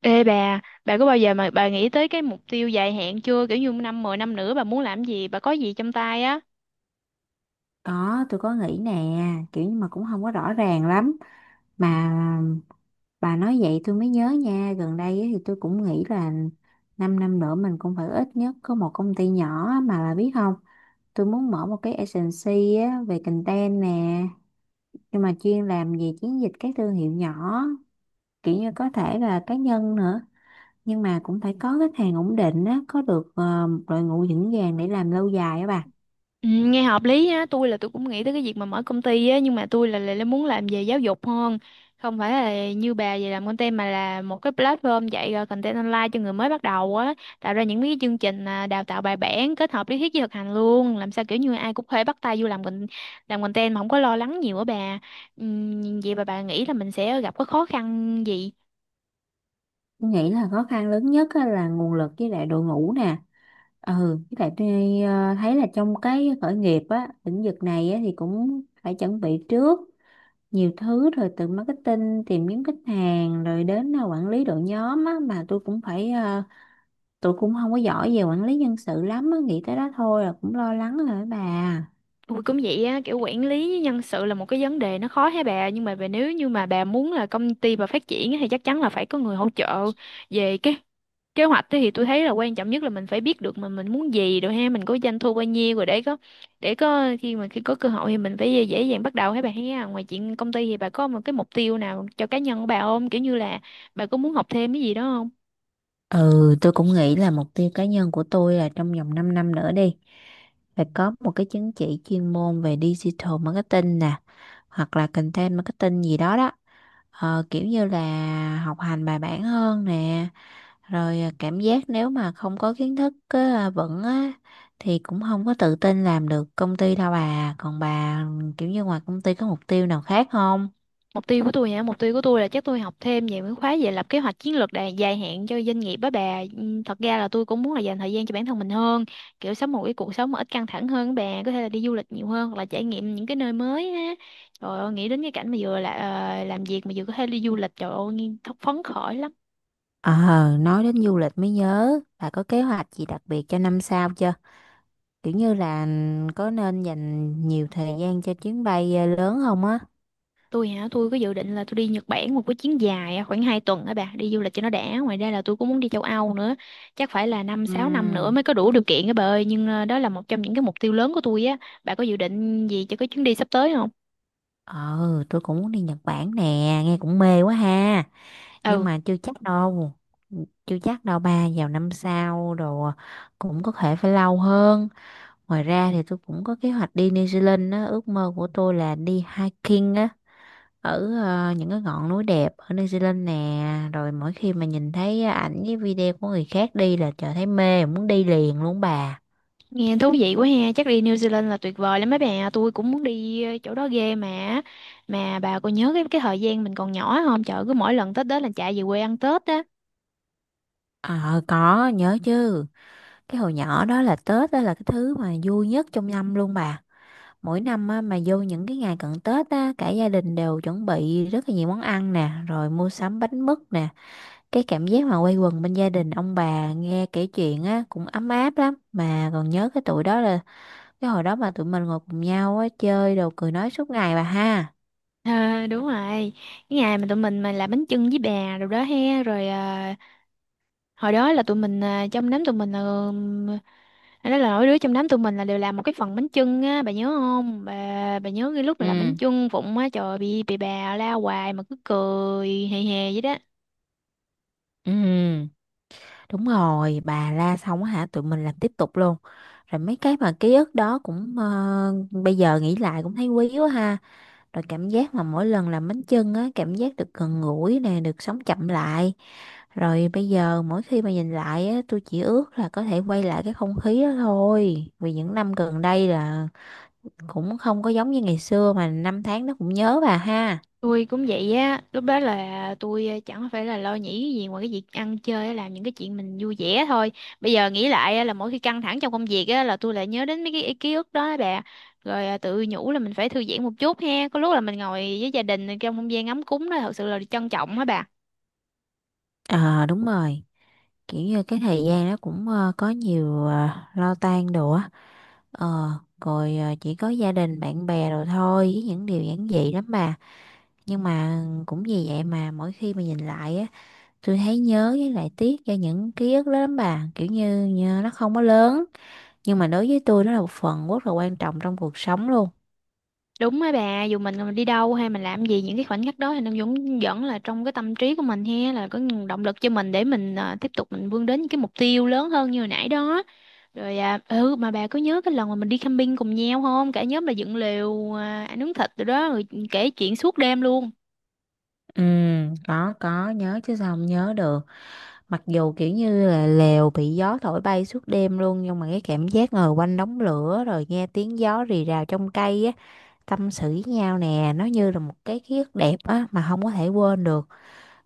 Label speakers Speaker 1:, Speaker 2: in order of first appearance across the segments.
Speaker 1: Ê bà có bao giờ mà bà nghĩ tới cái mục tiêu dài hạn chưa? Kiểu như năm 10 năm nữa bà muốn làm gì, bà có gì trong tay á?
Speaker 2: Có, tôi có nghĩ nè, kiểu nhưng mà cũng không có rõ ràng lắm. Mà bà nói vậy tôi mới nhớ nha, gần đây ấy thì tôi cũng nghĩ là 5 năm nữa mình cũng phải ít nhất có một công ty nhỏ á, mà bà biết không, tôi muốn mở một cái agency á, về content nè, nhưng mà chuyên làm về chiến dịch các thương hiệu nhỏ, kiểu như có thể là cá nhân nữa. Nhưng mà cũng phải có khách hàng ổn định á, có được một đội ngũ vững vàng để làm lâu dài á bà.
Speaker 1: Ừ, nghe hợp lý á, tôi cũng nghĩ tới cái việc mà mở công ty á, nhưng mà tôi là muốn làm về giáo dục hơn. Không phải là như bà về làm content mà là một cái platform dạy content online cho người mới bắt đầu á, tạo ra những cái chương trình đào tạo bài bản kết hợp lý thuyết với thực hành luôn, làm sao kiểu như ai cũng có thể bắt tay vô làm content mà không có lo lắng nhiều á bà. Ừ, vậy bà nghĩ là mình sẽ gặp có khó khăn gì?
Speaker 2: Tôi nghĩ là khó khăn lớn nhất á là nguồn lực với lại đội ngũ nè, ừ, với lại tôi thấy là trong cái khởi nghiệp á lĩnh vực này á thì cũng phải chuẩn bị trước nhiều thứ rồi từ marketing tìm kiếm khách hàng rồi đến quản lý đội nhóm á mà tôi cũng phải tôi cũng không có giỏi về quản lý nhân sự lắm á, nghĩ tới đó thôi là cũng lo lắng rồi đó bà.
Speaker 1: Ui, cũng vậy á, kiểu quản lý với nhân sự là một cái vấn đề nó khó hả bà, nhưng mà bà nếu như mà bà muốn là công ty bà phát triển á, thì chắc chắn là phải có người hỗ trợ về cái kế hoạch á. Thì tôi thấy là quan trọng nhất là mình phải biết được mà mình muốn gì rồi ha, mình có doanh thu bao nhiêu rồi để có, khi mà khi có cơ hội thì mình phải dễ dàng bắt đầu hả bà ha. Ngoài chuyện công ty thì bà có một cái mục tiêu nào cho cá nhân của bà không, kiểu như là bà có muốn học thêm cái gì đó?
Speaker 2: Ừ, tôi cũng nghĩ là mục tiêu cá nhân của tôi là trong vòng 5 năm nữa đi. Phải có một cái chứng chỉ chuyên môn về digital marketing nè, hoặc là content marketing gì đó đó. Ờ, kiểu như là học hành bài bản hơn nè, rồi à, cảm giác nếu mà không có kiến thức á, vững á, thì cũng không có tự tin làm được công ty đâu bà. Còn bà, kiểu như ngoài công ty có mục tiêu nào khác không?
Speaker 1: Mục tiêu của tôi hả? Mục tiêu của tôi là chắc tôi học thêm về mấy khóa về lập kế hoạch chiến lược dài hạn cho doanh nghiệp á bà. Thật ra là tôi cũng muốn là dành thời gian cho bản thân mình hơn, kiểu sống một cái cuộc sống mà ít căng thẳng hơn á bà, có thể là đi du lịch nhiều hơn hoặc là trải nghiệm những cái nơi mới á. Trời ơi, nghĩ đến cái cảnh mà vừa là làm việc mà vừa có thể đi du lịch, trời ơi, nghe thật phấn khởi lắm.
Speaker 2: Ờ, nói đến du lịch mới nhớ, bà có kế hoạch gì đặc biệt cho năm sau chưa? Kiểu như là có nên dành nhiều thời gian cho chuyến bay lớn không á?
Speaker 1: Tôi hả, tôi có dự định là tôi đi Nhật Bản một cái chuyến dài á, khoảng 2 tuần á bà, đi du lịch cho nó đã. Ngoài ra là tôi cũng muốn đi châu Âu nữa, chắc phải là năm
Speaker 2: Ừ,
Speaker 1: 6 năm nữa mới có đủ điều kiện á bà ơi, nhưng đó là một trong những cái mục tiêu lớn của tôi á. Bà có dự định gì cho cái chuyến đi sắp tới không?
Speaker 2: ờ tôi cũng muốn đi Nhật Bản nè, nghe cũng mê quá ha, nhưng
Speaker 1: Ừ,
Speaker 2: mà chưa chắc đâu, chưa chắc đâu ba, vào năm sau đồ cũng có thể phải lâu hơn. Ngoài ra thì tôi cũng có kế hoạch đi New Zealand á, ước mơ của tôi là đi hiking á, ở những cái ngọn núi đẹp ở New Zealand nè, rồi mỗi khi mà nhìn thấy ảnh với video của người khác đi là trời thấy mê muốn đi liền luôn bà.
Speaker 1: nghe thú vị quá ha, chắc đi New Zealand là tuyệt vời lắm mấy bà, tôi cũng muốn đi chỗ đó ghê mà. Mà bà có nhớ cái thời gian mình còn nhỏ không? Trời, cứ mỗi lần Tết đến là chạy về quê ăn Tết á.
Speaker 2: Ờ, có nhớ chứ, cái hồi nhỏ đó là Tết đó là cái thứ mà vui nhất trong năm luôn bà. Mỗi năm á, mà vô những cái ngày cận Tết á, cả gia đình đều chuẩn bị rất là nhiều món ăn nè, rồi mua sắm bánh mứt nè. Cái cảm giác mà quây quần bên gia đình ông bà nghe kể chuyện á cũng ấm áp lắm. Mà còn nhớ cái tuổi đó là cái hồi đó mà tụi mình ngồi cùng nhau á chơi đồ cười nói suốt ngày bà ha.
Speaker 1: Ờ, đúng rồi. Cái ngày mà tụi mình mà làm bánh chưng với bà rồi đó he, rồi hồi đó là tụi mình trong đám tụi mình là nói là mỗi đứa trong đám tụi mình là đều làm một cái phần bánh chưng á, bà nhớ không? Bà bà nhớ cái lúc mà làm
Speaker 2: Ừ,
Speaker 1: bánh chưng vụng á, trời, bị bà la hoài mà cứ cười hề hề vậy đó.
Speaker 2: ừ, đúng rồi, bà la xong á hả, tụi mình làm tiếp tục luôn. Rồi mấy cái mà ký ức đó cũng bây giờ nghĩ lại cũng thấy quý quá ha. Rồi cảm giác mà mỗi lần làm bánh chưng á, cảm giác được gần gũi nè, được sống chậm lại. Rồi bây giờ mỗi khi mà nhìn lại á, tôi chỉ ước là có thể quay lại cái không khí đó thôi. Vì những năm gần đây là cũng không có giống như ngày xưa mà năm tháng nó cũng nhớ bà ha.
Speaker 1: Tôi cũng vậy á, lúc đó là tôi chẳng phải là lo nghĩ cái gì ngoài cái việc ăn chơi á, làm những cái chuyện mình vui vẻ thôi. Bây giờ nghĩ lại á, là mỗi khi căng thẳng trong công việc á là tôi lại nhớ đến mấy cái ký ức đó á bà. Rồi tự nhủ là mình phải thư giãn một chút ha, có lúc là mình ngồi với gia đình trong không gian ấm cúng đó thật sự là trân trọng á bà.
Speaker 2: Ờ đúng rồi, kiểu như cái thời gian nó cũng có nhiều lo toan đồ á. Ờ Rồi chỉ có gia đình, bạn bè rồi thôi với những điều giản dị lắm bà. Nhưng mà cũng vì vậy mà mỗi khi mà nhìn lại á, tôi thấy nhớ với lại tiếc cho những ký ức đó lắm bà, kiểu như, như nó không có lớn nhưng mà đối với tôi nó là một phần rất là quan trọng trong cuộc sống luôn.
Speaker 1: Đúng á bà, dù mình còn đi đâu hay mình làm gì, những cái khoảnh khắc đó thì nó vẫn vẫn là trong cái tâm trí của mình ha, là có động lực cho mình để mình tiếp tục mình vươn đến những cái mục tiêu lớn hơn như hồi nãy đó. Rồi à, ừ mà bà có nhớ cái lần mà mình đi camping cùng nhau không? Cả nhóm là dựng lều ăn nướng thịt rồi đó, rồi kể chuyện suốt đêm luôn.
Speaker 2: Ừ, có nhớ chứ, sao không nhớ được, mặc dù kiểu như là lều bị gió thổi bay suốt đêm luôn, nhưng mà cái cảm giác ngồi quanh đống lửa rồi nghe tiếng gió rì rào trong cây á, tâm sự với nhau nè, nó như là một cái ký ức đẹp á mà không có thể quên được.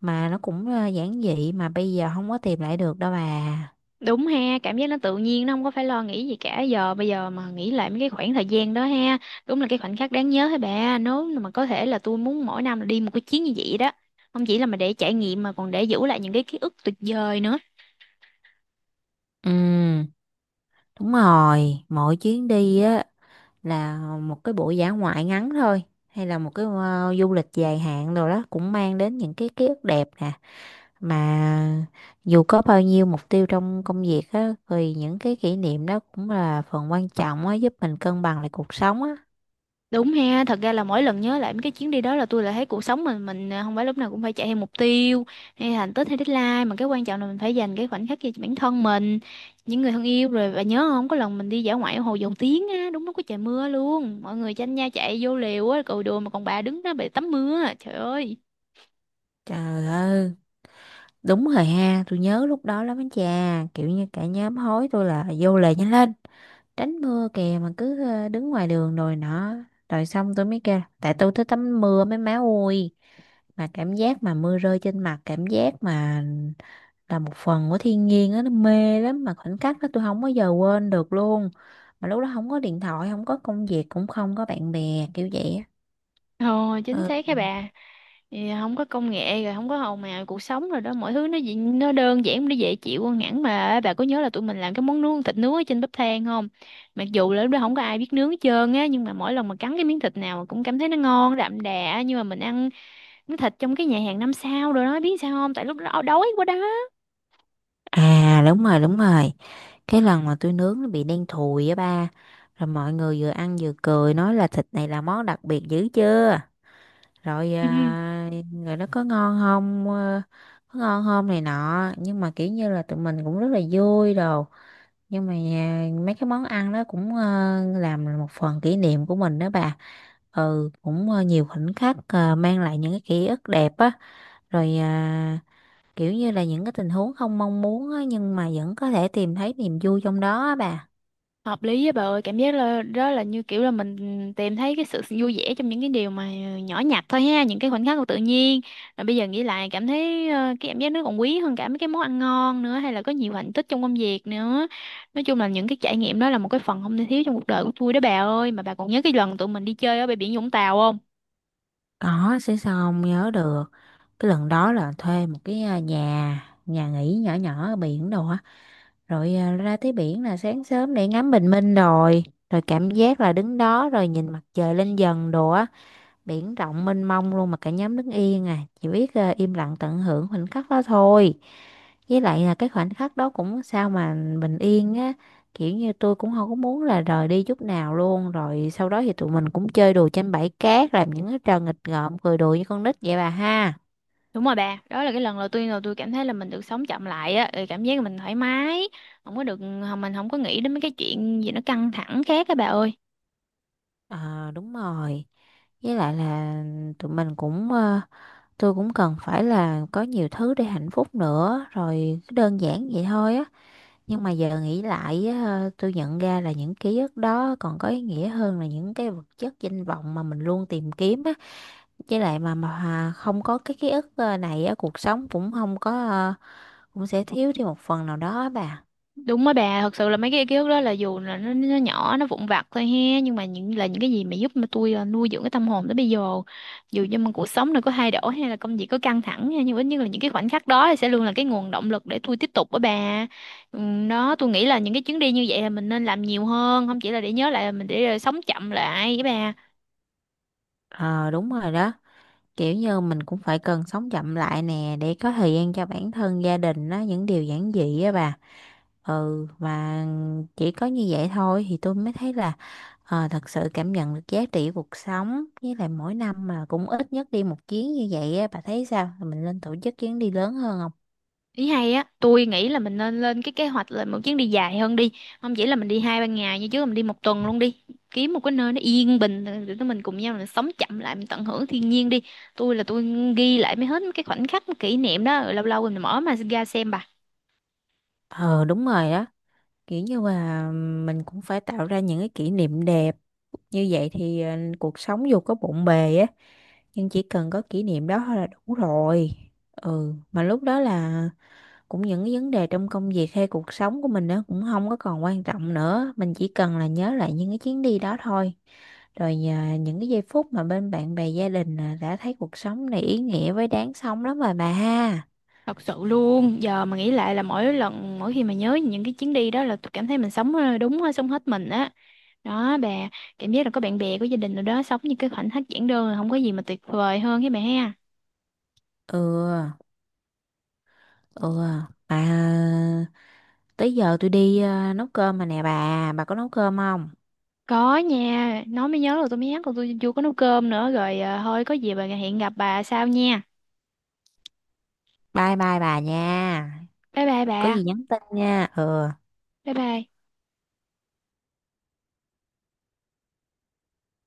Speaker 2: Mà nó cũng giản dị mà bây giờ không có tìm lại được đâu bà.
Speaker 1: Đúng ha, cảm giác nó tự nhiên, nó không có phải lo nghĩ gì cả. Giờ bây giờ mà nghĩ lại mấy cái khoảng thời gian đó ha, đúng là cái khoảnh khắc đáng nhớ hả bà. Nếu mà có thể là tôi muốn mỗi năm là đi một cái chuyến như vậy đó, không chỉ là mà để trải nghiệm mà còn để giữ lại những cái ký ức tuyệt vời nữa.
Speaker 2: Ừ. Đúng rồi, mỗi chuyến đi á, là một cái buổi dã ngoại ngắn thôi hay là một cái du lịch dài hạn rồi đó, cũng mang đến những cái ký ức đẹp nè, mà dù có bao nhiêu mục tiêu trong công việc á thì những cái kỷ niệm đó cũng là phần quan trọng á, giúp mình cân bằng lại cuộc sống á.
Speaker 1: Đúng ha, thật ra là mỗi lần nhớ lại mấy cái chuyến đi đó là tôi lại thấy cuộc sống mình à, không phải lúc nào cũng phải chạy theo mục tiêu hay thành tích hay deadline, mà cái quan trọng là mình phải dành cái khoảnh khắc cho bản thân mình, những người thân yêu. Rồi và nhớ không, có lần mình đi dã ngoại ở Hồ Dầu Tiếng á, đúng lúc có trời mưa luôn, mọi người tranh nhau chạy vô liều á, cội đùa mà còn bà đứng đó bị tắm mưa. Trời ơi.
Speaker 2: Trời ơi, đúng rồi ha, tôi nhớ lúc đó lắm á cha, kiểu như cả nhóm hối tôi là vô lề nhanh lên, tránh mưa kìa, mà cứ đứng ngoài đường rồi nọ, rồi xong tôi mới kêu là, tại tôi thích tắm mưa mấy má ơi, mà cảm giác mà mưa rơi trên mặt, cảm giác mà là một phần của thiên nhiên á, nó mê lắm, mà khoảnh khắc đó tôi không bao giờ quên được luôn, mà lúc đó không có điện thoại, không có công việc, cũng không có bạn bè kiểu vậy á.
Speaker 1: Ồ, chính
Speaker 2: Ừ.
Speaker 1: xác các bà. Thì không có công nghệ rồi không có hồn màu cuộc sống rồi đó, mọi thứ nó nó đơn giản, nó dễ chịu hơn hẳn. Mà bà có nhớ là tụi mình làm cái món nướng, thịt nướng ở trên bếp than không? Mặc dù là lúc đó không có ai biết nướng hết trơn á, nhưng mà mỗi lần mà cắn cái miếng thịt nào cũng cảm thấy nó ngon đậm đà, nhưng mà mình ăn miếng thịt trong cái nhà hàng năm sao rồi đó, biết sao không, tại lúc đó đói quá đó.
Speaker 2: À đúng rồi, đúng rồi, cái lần mà tôi nướng nó bị đen thùi á ba, rồi mọi người vừa ăn vừa cười nói là thịt này là món đặc biệt dữ chưa, rồi à, rồi nó có ngon không, có ngon không này nọ, nhưng mà kiểu như là tụi mình cũng rất là vui đồ. Nhưng mà à, mấy cái món ăn đó cũng làm một phần kỷ niệm của mình đó bà. Ừ, cũng nhiều khoảnh khắc mang lại những cái ký ức đẹp á, rồi à, kiểu như là những cái tình huống không mong muốn á, nhưng mà vẫn có thể tìm thấy niềm vui trong đó á bà.
Speaker 1: Hợp lý á bà ơi, cảm giác là đó là như kiểu là mình tìm thấy cái sự vui vẻ trong những cái điều mà nhỏ nhặt thôi ha, những cái khoảnh khắc của tự nhiên. Rồi bây giờ nghĩ lại cảm thấy cái cảm giác nó còn quý hơn cả mấy cái món ăn ngon nữa, hay là có nhiều hạnh tích trong công việc nữa. Nói chung là những cái trải nghiệm đó là một cái phần không thể thiếu trong cuộc đời của tôi đó bà ơi. Mà bà còn nhớ cái lần tụi mình đi chơi ở bãi biển Vũng Tàu không?
Speaker 2: Có sẽ, sao không nhớ được, cái lần đó là thuê một cái à, nhà nhà nghỉ nhỏ nhỏ ở biển đồ á, rồi à, ra tới biển là sáng sớm để ngắm bình minh rồi, rồi cảm giác là đứng đó rồi nhìn mặt trời lên dần đồ á, biển rộng mênh mông luôn, mà cả nhóm đứng yên à, chỉ biết à, im lặng tận hưởng khoảnh khắc đó thôi. Với lại là cái khoảnh khắc đó cũng sao mà bình yên á, kiểu như tôi cũng không có muốn là rời đi chút nào luôn. Rồi sau đó thì tụi mình cũng chơi đùa trên bãi cát, làm những cái trò nghịch ngợm cười đùa như con nít vậy bà ha.
Speaker 1: Đúng rồi bà, đó là cái lần là tôi cảm thấy là mình được sống chậm lại á, rồi cảm giác là mình thoải mái, không có được, mình không có nghĩ đến mấy cái chuyện gì nó căng thẳng khác á bà ơi.
Speaker 2: Ờ đúng rồi, với lại là tụi mình cũng tôi cũng cần phải là có nhiều thứ để hạnh phúc nữa, rồi cứ đơn giản vậy thôi á. Nhưng mà giờ nghĩ lại á, tôi nhận ra là những ký ức đó còn có ý nghĩa hơn là những cái vật chất danh vọng mà mình luôn tìm kiếm á. Với lại mà không có cái ký ức này á, cuộc sống cũng không có cũng sẽ thiếu đi một phần nào đó á bà.
Speaker 1: Đúng đó bà, thật sự là mấy cái ký ức đó là dù là nó nhỏ, nó vụn vặt thôi ha, nhưng mà những là những cái gì mà giúp mà tôi nuôi dưỡng cái tâm hồn tới bây giờ. Dù cho mà cuộc sống này có thay đổi hay là công việc có căng thẳng ha, nhưng ít nhất là những cái khoảnh khắc đó thì sẽ luôn là cái nguồn động lực để tôi tiếp tục đó bà. Đó, tôi nghĩ là những cái chuyến đi như vậy là mình nên làm nhiều hơn, không chỉ là để nhớ lại là mình để sống chậm lại với bà.
Speaker 2: Ờ đúng rồi đó, kiểu như mình cũng phải cần sống chậm lại nè, để có thời gian cho bản thân, gia đình á, những điều giản dị á bà. Ừ mà chỉ có như vậy thôi thì tôi mới thấy là thật sự cảm nhận được giá trị cuộc sống. Với lại mỗi năm mà cũng ít nhất đi một chuyến như vậy á, bà thấy sao, mình nên tổ chức chuyến đi lớn hơn không?
Speaker 1: Ý hay á, tôi nghĩ là mình nên lên cái kế hoạch là một chuyến đi dài hơn đi. Không chỉ là mình đi hai ba ngày như trước, là mình đi một tuần luôn đi. Kiếm một cái nơi nó yên bình rồi tụi mình cùng nhau mình sống chậm lại, mình tận hưởng thiên nhiên đi. Tôi là tôi Ghi lại mấy hết mấy cái khoảnh khắc mấy kỷ niệm đó rồi lâu lâu mình mở mà ra xem bà.
Speaker 2: Ờ đúng rồi đó, kiểu như là mình cũng phải tạo ra những cái kỷ niệm đẹp, như vậy thì cuộc sống dù có bộn bề á, nhưng chỉ cần có kỷ niệm đó thôi là đủ rồi. Ừ, mà lúc đó là cũng những cái vấn đề trong công việc hay cuộc sống của mình nữa cũng không có còn quan trọng nữa, mình chỉ cần là nhớ lại những cái chuyến đi đó thôi, rồi nhờ những cái giây phút mà bên bạn bè gia đình là đã thấy cuộc sống này ý nghĩa với đáng sống lắm rồi bà ha.
Speaker 1: Thật sự luôn, giờ mà nghĩ lại là mỗi lần mỗi khi mà nhớ những cái chuyến đi đó là tôi cảm thấy mình sống sống hết mình á. Đó bà, cảm giác là có bạn bè, có gia đình rồi đó, sống như cái khoảnh khắc giản đơn là không có gì mà tuyệt vời hơn với bà ha.
Speaker 2: Ừ. Ừ. Bà, tới giờ tôi đi nấu cơm mà nè bà có nấu cơm không?
Speaker 1: Có nha, nói mới nhớ là tôi mới nhắc là tôi chưa có nấu cơm nữa rồi à, thôi có gì bà hiện gặp bà sau nha.
Speaker 2: Bye bye bà nha,
Speaker 1: Bye bye
Speaker 2: có
Speaker 1: bà.
Speaker 2: gì nhắn tin nha. Ừ.
Speaker 1: Bye bye.